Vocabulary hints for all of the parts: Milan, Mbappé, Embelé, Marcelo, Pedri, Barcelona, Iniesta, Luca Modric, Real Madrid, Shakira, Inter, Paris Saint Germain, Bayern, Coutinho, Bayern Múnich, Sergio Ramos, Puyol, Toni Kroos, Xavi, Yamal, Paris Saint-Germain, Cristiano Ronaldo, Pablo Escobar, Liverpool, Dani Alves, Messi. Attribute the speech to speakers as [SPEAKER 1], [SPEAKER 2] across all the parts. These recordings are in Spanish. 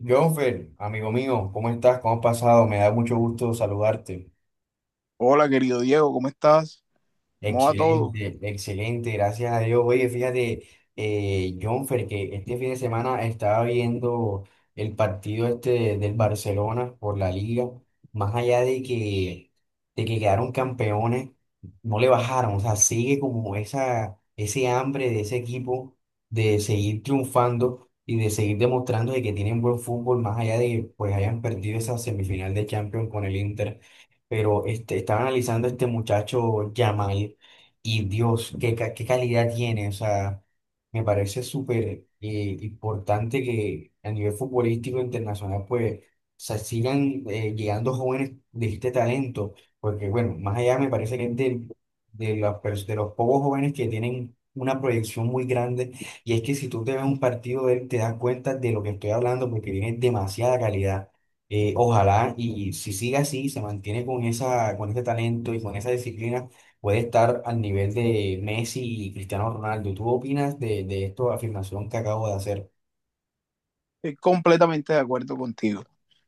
[SPEAKER 1] Jonfer, amigo mío, ¿cómo estás? ¿Cómo has pasado? Me da mucho gusto saludarte.
[SPEAKER 2] Hola, querido Diego, ¿cómo estás? ¿Cómo va todo?
[SPEAKER 1] Excelente, excelente, gracias a Dios. Oye, fíjate, Jonfer, que este fin de semana estaba viendo el partido este del Barcelona por la Liga, más allá de que quedaron campeones, no le bajaron, o sea, sigue como ese hambre de ese equipo de seguir triunfando y de seguir demostrando de que tienen buen fútbol, más allá de que pues hayan perdido esa semifinal de Champions con el Inter pero este, estaba analizando a este muchacho Yamal y Dios, qué calidad tiene. O sea, me parece súper importante que a nivel futbolístico internacional, pues, se sigan llegando jóvenes de este talento, porque bueno, más allá me parece que es de, de los pocos jóvenes que tienen una proyección muy grande, y es que si tú te ves un partido de él, te das cuenta de lo que estoy hablando, porque tiene demasiada calidad. Ojalá y si sigue así, se mantiene con con ese talento y con esa disciplina, puede estar al nivel de Messi y Cristiano Ronaldo. ¿Tú opinas de esta afirmación que acabo de hacer?
[SPEAKER 2] Estoy completamente de acuerdo contigo.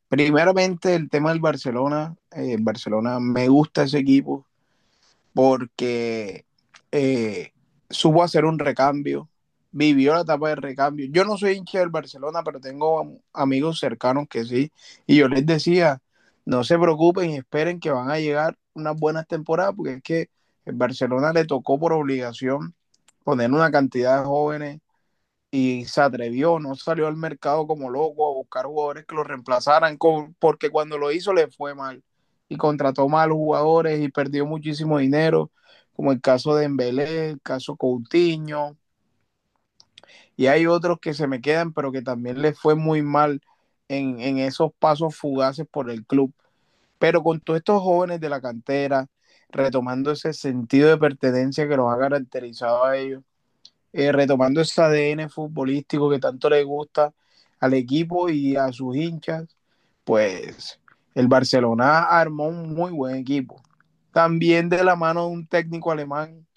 [SPEAKER 2] Primeramente, el tema del Barcelona. Barcelona me gusta ese equipo porque eh, supo hacer un recambio, vivió la etapa de recambio. Yo no soy hincha del Barcelona, pero tengo amigos cercanos que sí. Y yo les decía, no se preocupen y esperen que van a llegar unas buenas temporadas, porque es que el Barcelona le tocó por obligación poner una cantidad de jóvenes y se atrevió, no salió al mercado como loco a buscar jugadores que lo reemplazaran, porque cuando lo hizo le fue mal y contrató malos jugadores y perdió muchísimo dinero, como el caso de Embelé, el caso Coutinho, y hay otros que se me quedan, pero que también le fue muy mal en esos pasos fugaces por el club. Pero con todos estos jóvenes de la cantera, retomando ese sentido de pertenencia que los ha caracterizado a ellos, retomando ese ADN futbolístico que tanto le gusta al equipo y a sus hinchas, pues el Barcelona armó un muy buen equipo. También de la mano de un técnico alemán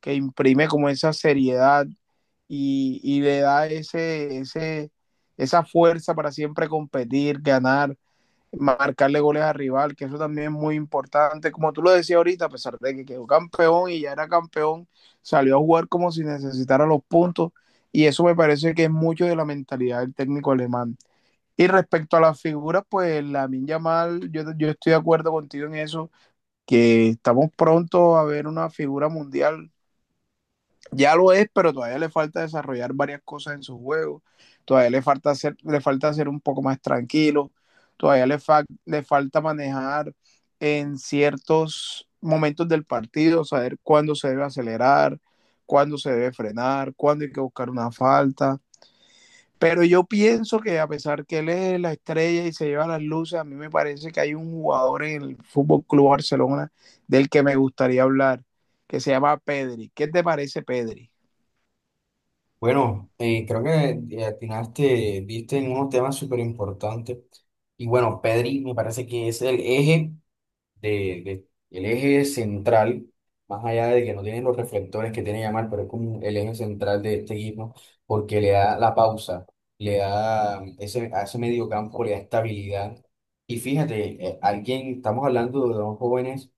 [SPEAKER 2] que imprime como esa seriedad y le da esa fuerza para siempre competir, ganar, marcarle goles al rival, que eso también es muy importante. Como tú lo decías ahorita, a pesar de que quedó campeón y ya era campeón, salió a jugar como si necesitara los puntos y eso me parece que es mucho de la mentalidad del técnico alemán. Y respecto a las figuras, pues la Yamal, yo estoy de acuerdo contigo en eso, que estamos pronto a ver una figura mundial ya lo es, pero todavía le falta desarrollar varias cosas en su juego. Todavía le falta ser un poco más tranquilo. Todavía le falta manejar en ciertos momentos del partido, saber cuándo se debe acelerar, cuándo se debe frenar, cuándo hay que buscar una falta. Pero yo pienso que a pesar que él es la estrella y se lleva las luces, a mí me parece que hay un jugador en el Fútbol Club Barcelona del que me gustaría hablar, que se llama Pedri. ¿Qué te parece, Pedri?
[SPEAKER 1] Bueno, creo que atinaste, viste en unos temas súper importantes. Y bueno, Pedri me parece que es el eje de, de- el eje central, más allá de que no tienen los reflectores que tiene Yamal, pero es como el eje central de este equipo, porque le da la pausa, le da a ese medio campo, le da estabilidad. Y fíjate, alguien, estamos hablando de dos jóvenes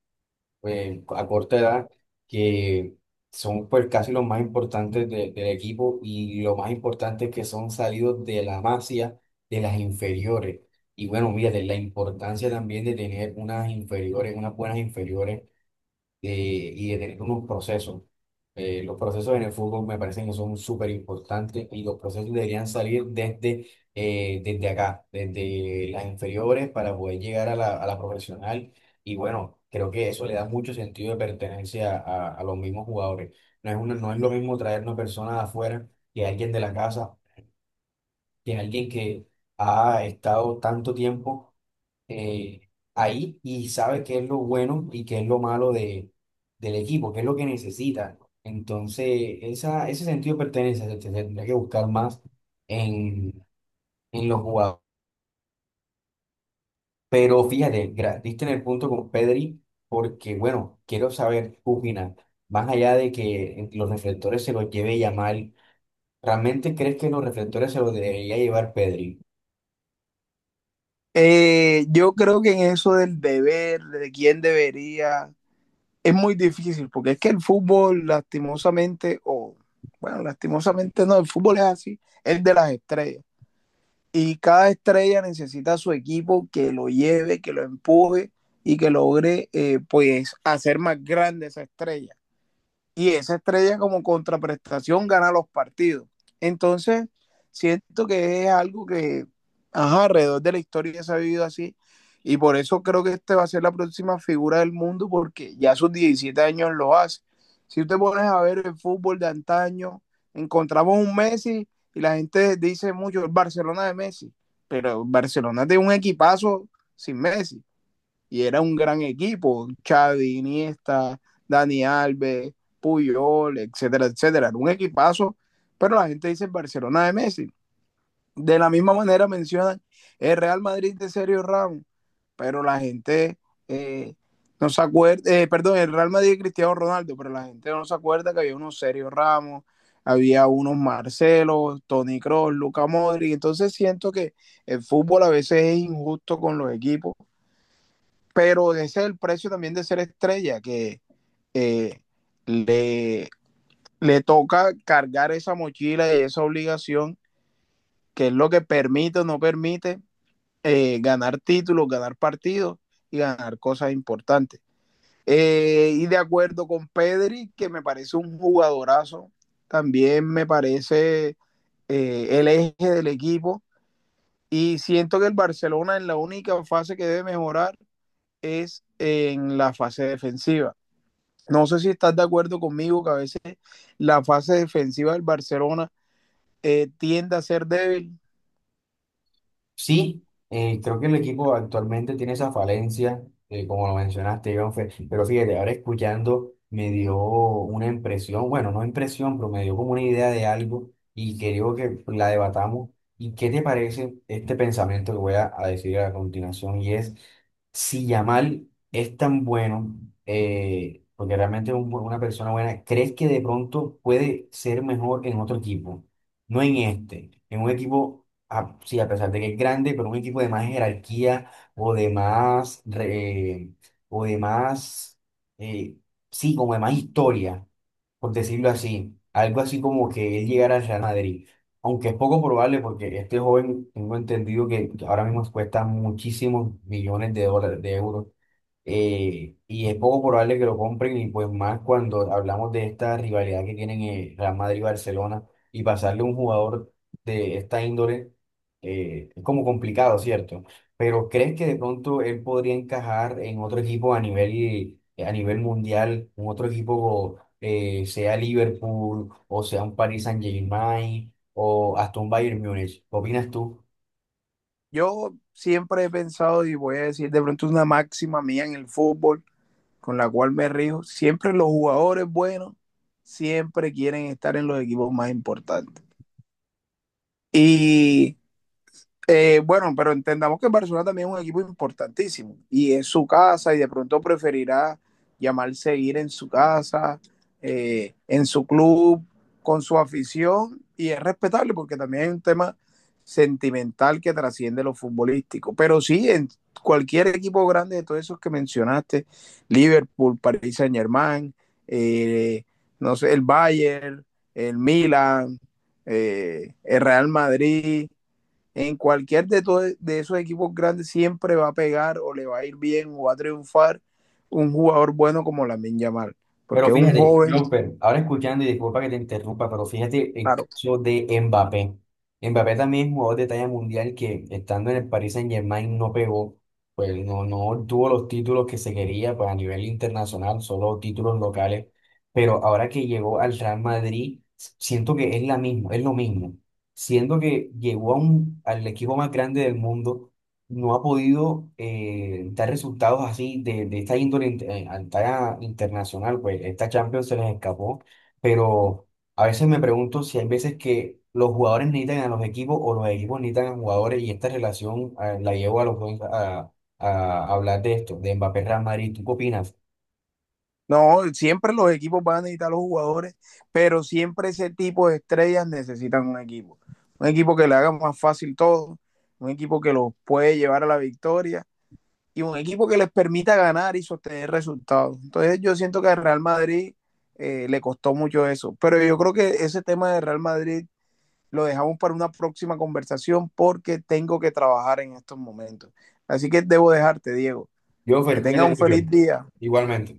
[SPEAKER 1] a corta edad, que son pues casi los más importantes del equipo y lo más importante es que son salidos de la masía, de las inferiores. Y bueno, mira, de la importancia también de tener unas inferiores, unas buenas inferiores y de tener unos procesos. Los procesos en el fútbol me parecen que son súper importantes y los procesos deberían salir desde acá, desde las inferiores para poder llegar a a la profesional. Y bueno, creo que eso le da mucho sentido de pertenencia a los mismos jugadores. No es lo mismo traer una persona de afuera que alguien de la casa, que alguien que ha estado tanto tiempo eh, ahí y sabe qué es lo bueno y qué es lo malo de, del equipo, qué es lo que necesita. Entonces, ese sentido de pertenencia se tendría que buscar más en, en los jugadores. Pero fíjate, diste en el punto con Pedri, porque bueno, quiero saber tu opinión. Más allá de que los reflectores se los lleve Yamal, ¿realmente crees que los reflectores se los debería llevar Pedri?
[SPEAKER 2] Yo creo que en eso del deber, de quién debería, es muy difícil, porque es que el fútbol, lastimosamente, o bueno, lastimosamente no, el fútbol es así, es de las estrellas. Y cada estrella necesita a su equipo que lo lleve, que lo empuje y que logre pues hacer más grande esa estrella y esa estrella como contraprestación gana los partidos. Entonces, siento que es algo que ajá, alrededor de la historia se ha vivido así y por eso creo que este va a ser la próxima figura del mundo porque ya a sus 17 años lo hace. Si usted pones a ver el fútbol de antaño, encontramos un Messi y la gente dice mucho el Barcelona de Messi, pero el Barcelona es de un equipazo sin Messi y era un gran equipo, Xavi, Iniesta, Dani Alves, Puyol, etcétera, etcétera, era un equipazo, pero la gente dice el Barcelona de Messi. De la misma manera mencionan el Real Madrid de Sergio Ramos, pero la gente eh, no se acuerda, perdón, el Real Madrid de Cristiano Ronaldo, pero la gente no se acuerda que había unos Sergio Ramos, había unos Marcelo, Toni Kroos, Luca Modric, entonces siento que el fútbol a veces es injusto con los equipos pero ese es el precio también de ser estrella, que eh, le, le toca cargar esa mochila y esa obligación, que es lo que permite o no permite ganar títulos, ganar partidos y ganar cosas importantes. Y de acuerdo con Pedri, que me parece un jugadorazo, también me parece el eje del equipo. Y siento que el Barcelona en la única fase que debe mejorar es en la fase defensiva. No sé si estás de acuerdo conmigo que a veces la fase defensiva del Barcelona tiende a ser débil.
[SPEAKER 1] Sí, creo que el equipo actualmente tiene esa falencia, como lo mencionaste, Iván, pero fíjate, ahora escuchando me dio una impresión, bueno, no impresión, pero me dio como una idea de algo y creo que la debatamos. ¿Y qué te parece este pensamiento que voy a decir a continuación? Y es, si Yamal es tan bueno, porque realmente es una persona buena, ¿crees que de pronto puede ser mejor en otro equipo? No en este, en un equipo sí, a pesar de que es grande, pero un equipo de más jerarquía o de o de eh, sí, como de más historia, por decirlo así. Algo así como que él llegara al Real Madrid. Aunque es poco probable porque este joven, tengo entendido que ahora mismo cuesta muchísimos millones de dólares, de euros y es poco probable que lo compren y pues más cuando hablamos de esta rivalidad que tienen Real Madrid y Barcelona y pasarle un jugador de esta índole es como complicado, ¿cierto? Pero ¿crees que de pronto él podría encajar en otro equipo a a nivel mundial, un otro equipo sea Liverpool o sea un Paris Saint-Germain o hasta un Bayern Múnich? ¿Qué opinas tú?
[SPEAKER 2] Yo siempre he pensado y voy a decir de pronto una máxima mía en el fútbol con la cual me rijo. Siempre los jugadores buenos siempre quieren estar en los equipos más importantes. Y bueno, pero entendamos que Barcelona también es un equipo importantísimo y es su casa y de pronto preferirá llamarse ir en su casa, en su club, con su afición y es respetable porque también hay un tema sentimental que trasciende lo futbolístico. Pero sí, en cualquier equipo grande de todos esos que mencionaste, Liverpool, Paris Saint Germain, eh, no sé, el Bayern, el Milan, el Real Madrid en de esos equipos grandes siempre va a pegar o le va a ir bien o va a triunfar un jugador bueno como Lamine Yamal,
[SPEAKER 1] Pero
[SPEAKER 2] porque es un
[SPEAKER 1] fíjate,
[SPEAKER 2] joven,
[SPEAKER 1] Jumper, ahora escuchando y disculpa que te interrumpa, pero fíjate el
[SPEAKER 2] claro.
[SPEAKER 1] caso de Mbappé. Mbappé también es jugador de talla mundial que estando en el Paris Saint-Germain no pegó, pues no tuvo los títulos que se quería pues, a nivel internacional, solo títulos locales. Pero ahora que llegó al Real Madrid, siento que es la misma, es lo mismo. Siento que llegó a al equipo más grande del mundo no ha podido dar resultados así de esta a talla internacional, pues esta Champions se les escapó, pero a veces me pregunto si hay veces que los jugadores necesitan a los equipos o los equipos necesitan a jugadores y esta relación la llevo a los dos a hablar de esto, de Mbappé Real Madrid. ¿Tú qué opinas?
[SPEAKER 2] No, siempre los equipos van a necesitar a los jugadores, pero siempre ese tipo de estrellas necesitan un equipo. Un equipo que le haga más fácil todo, un equipo que los puede llevar a la victoria y un equipo que les permita ganar y sostener resultados. Entonces yo siento que al Real Madrid le costó mucho eso, pero yo creo que ese tema de Real Madrid lo dejamos para una próxima conversación porque tengo que trabajar en estos momentos. Así que debo dejarte, Diego.
[SPEAKER 1] Yo, Fer,
[SPEAKER 2] Que tengas
[SPEAKER 1] cuídate
[SPEAKER 2] un
[SPEAKER 1] mucho.
[SPEAKER 2] feliz día.
[SPEAKER 1] Igualmente.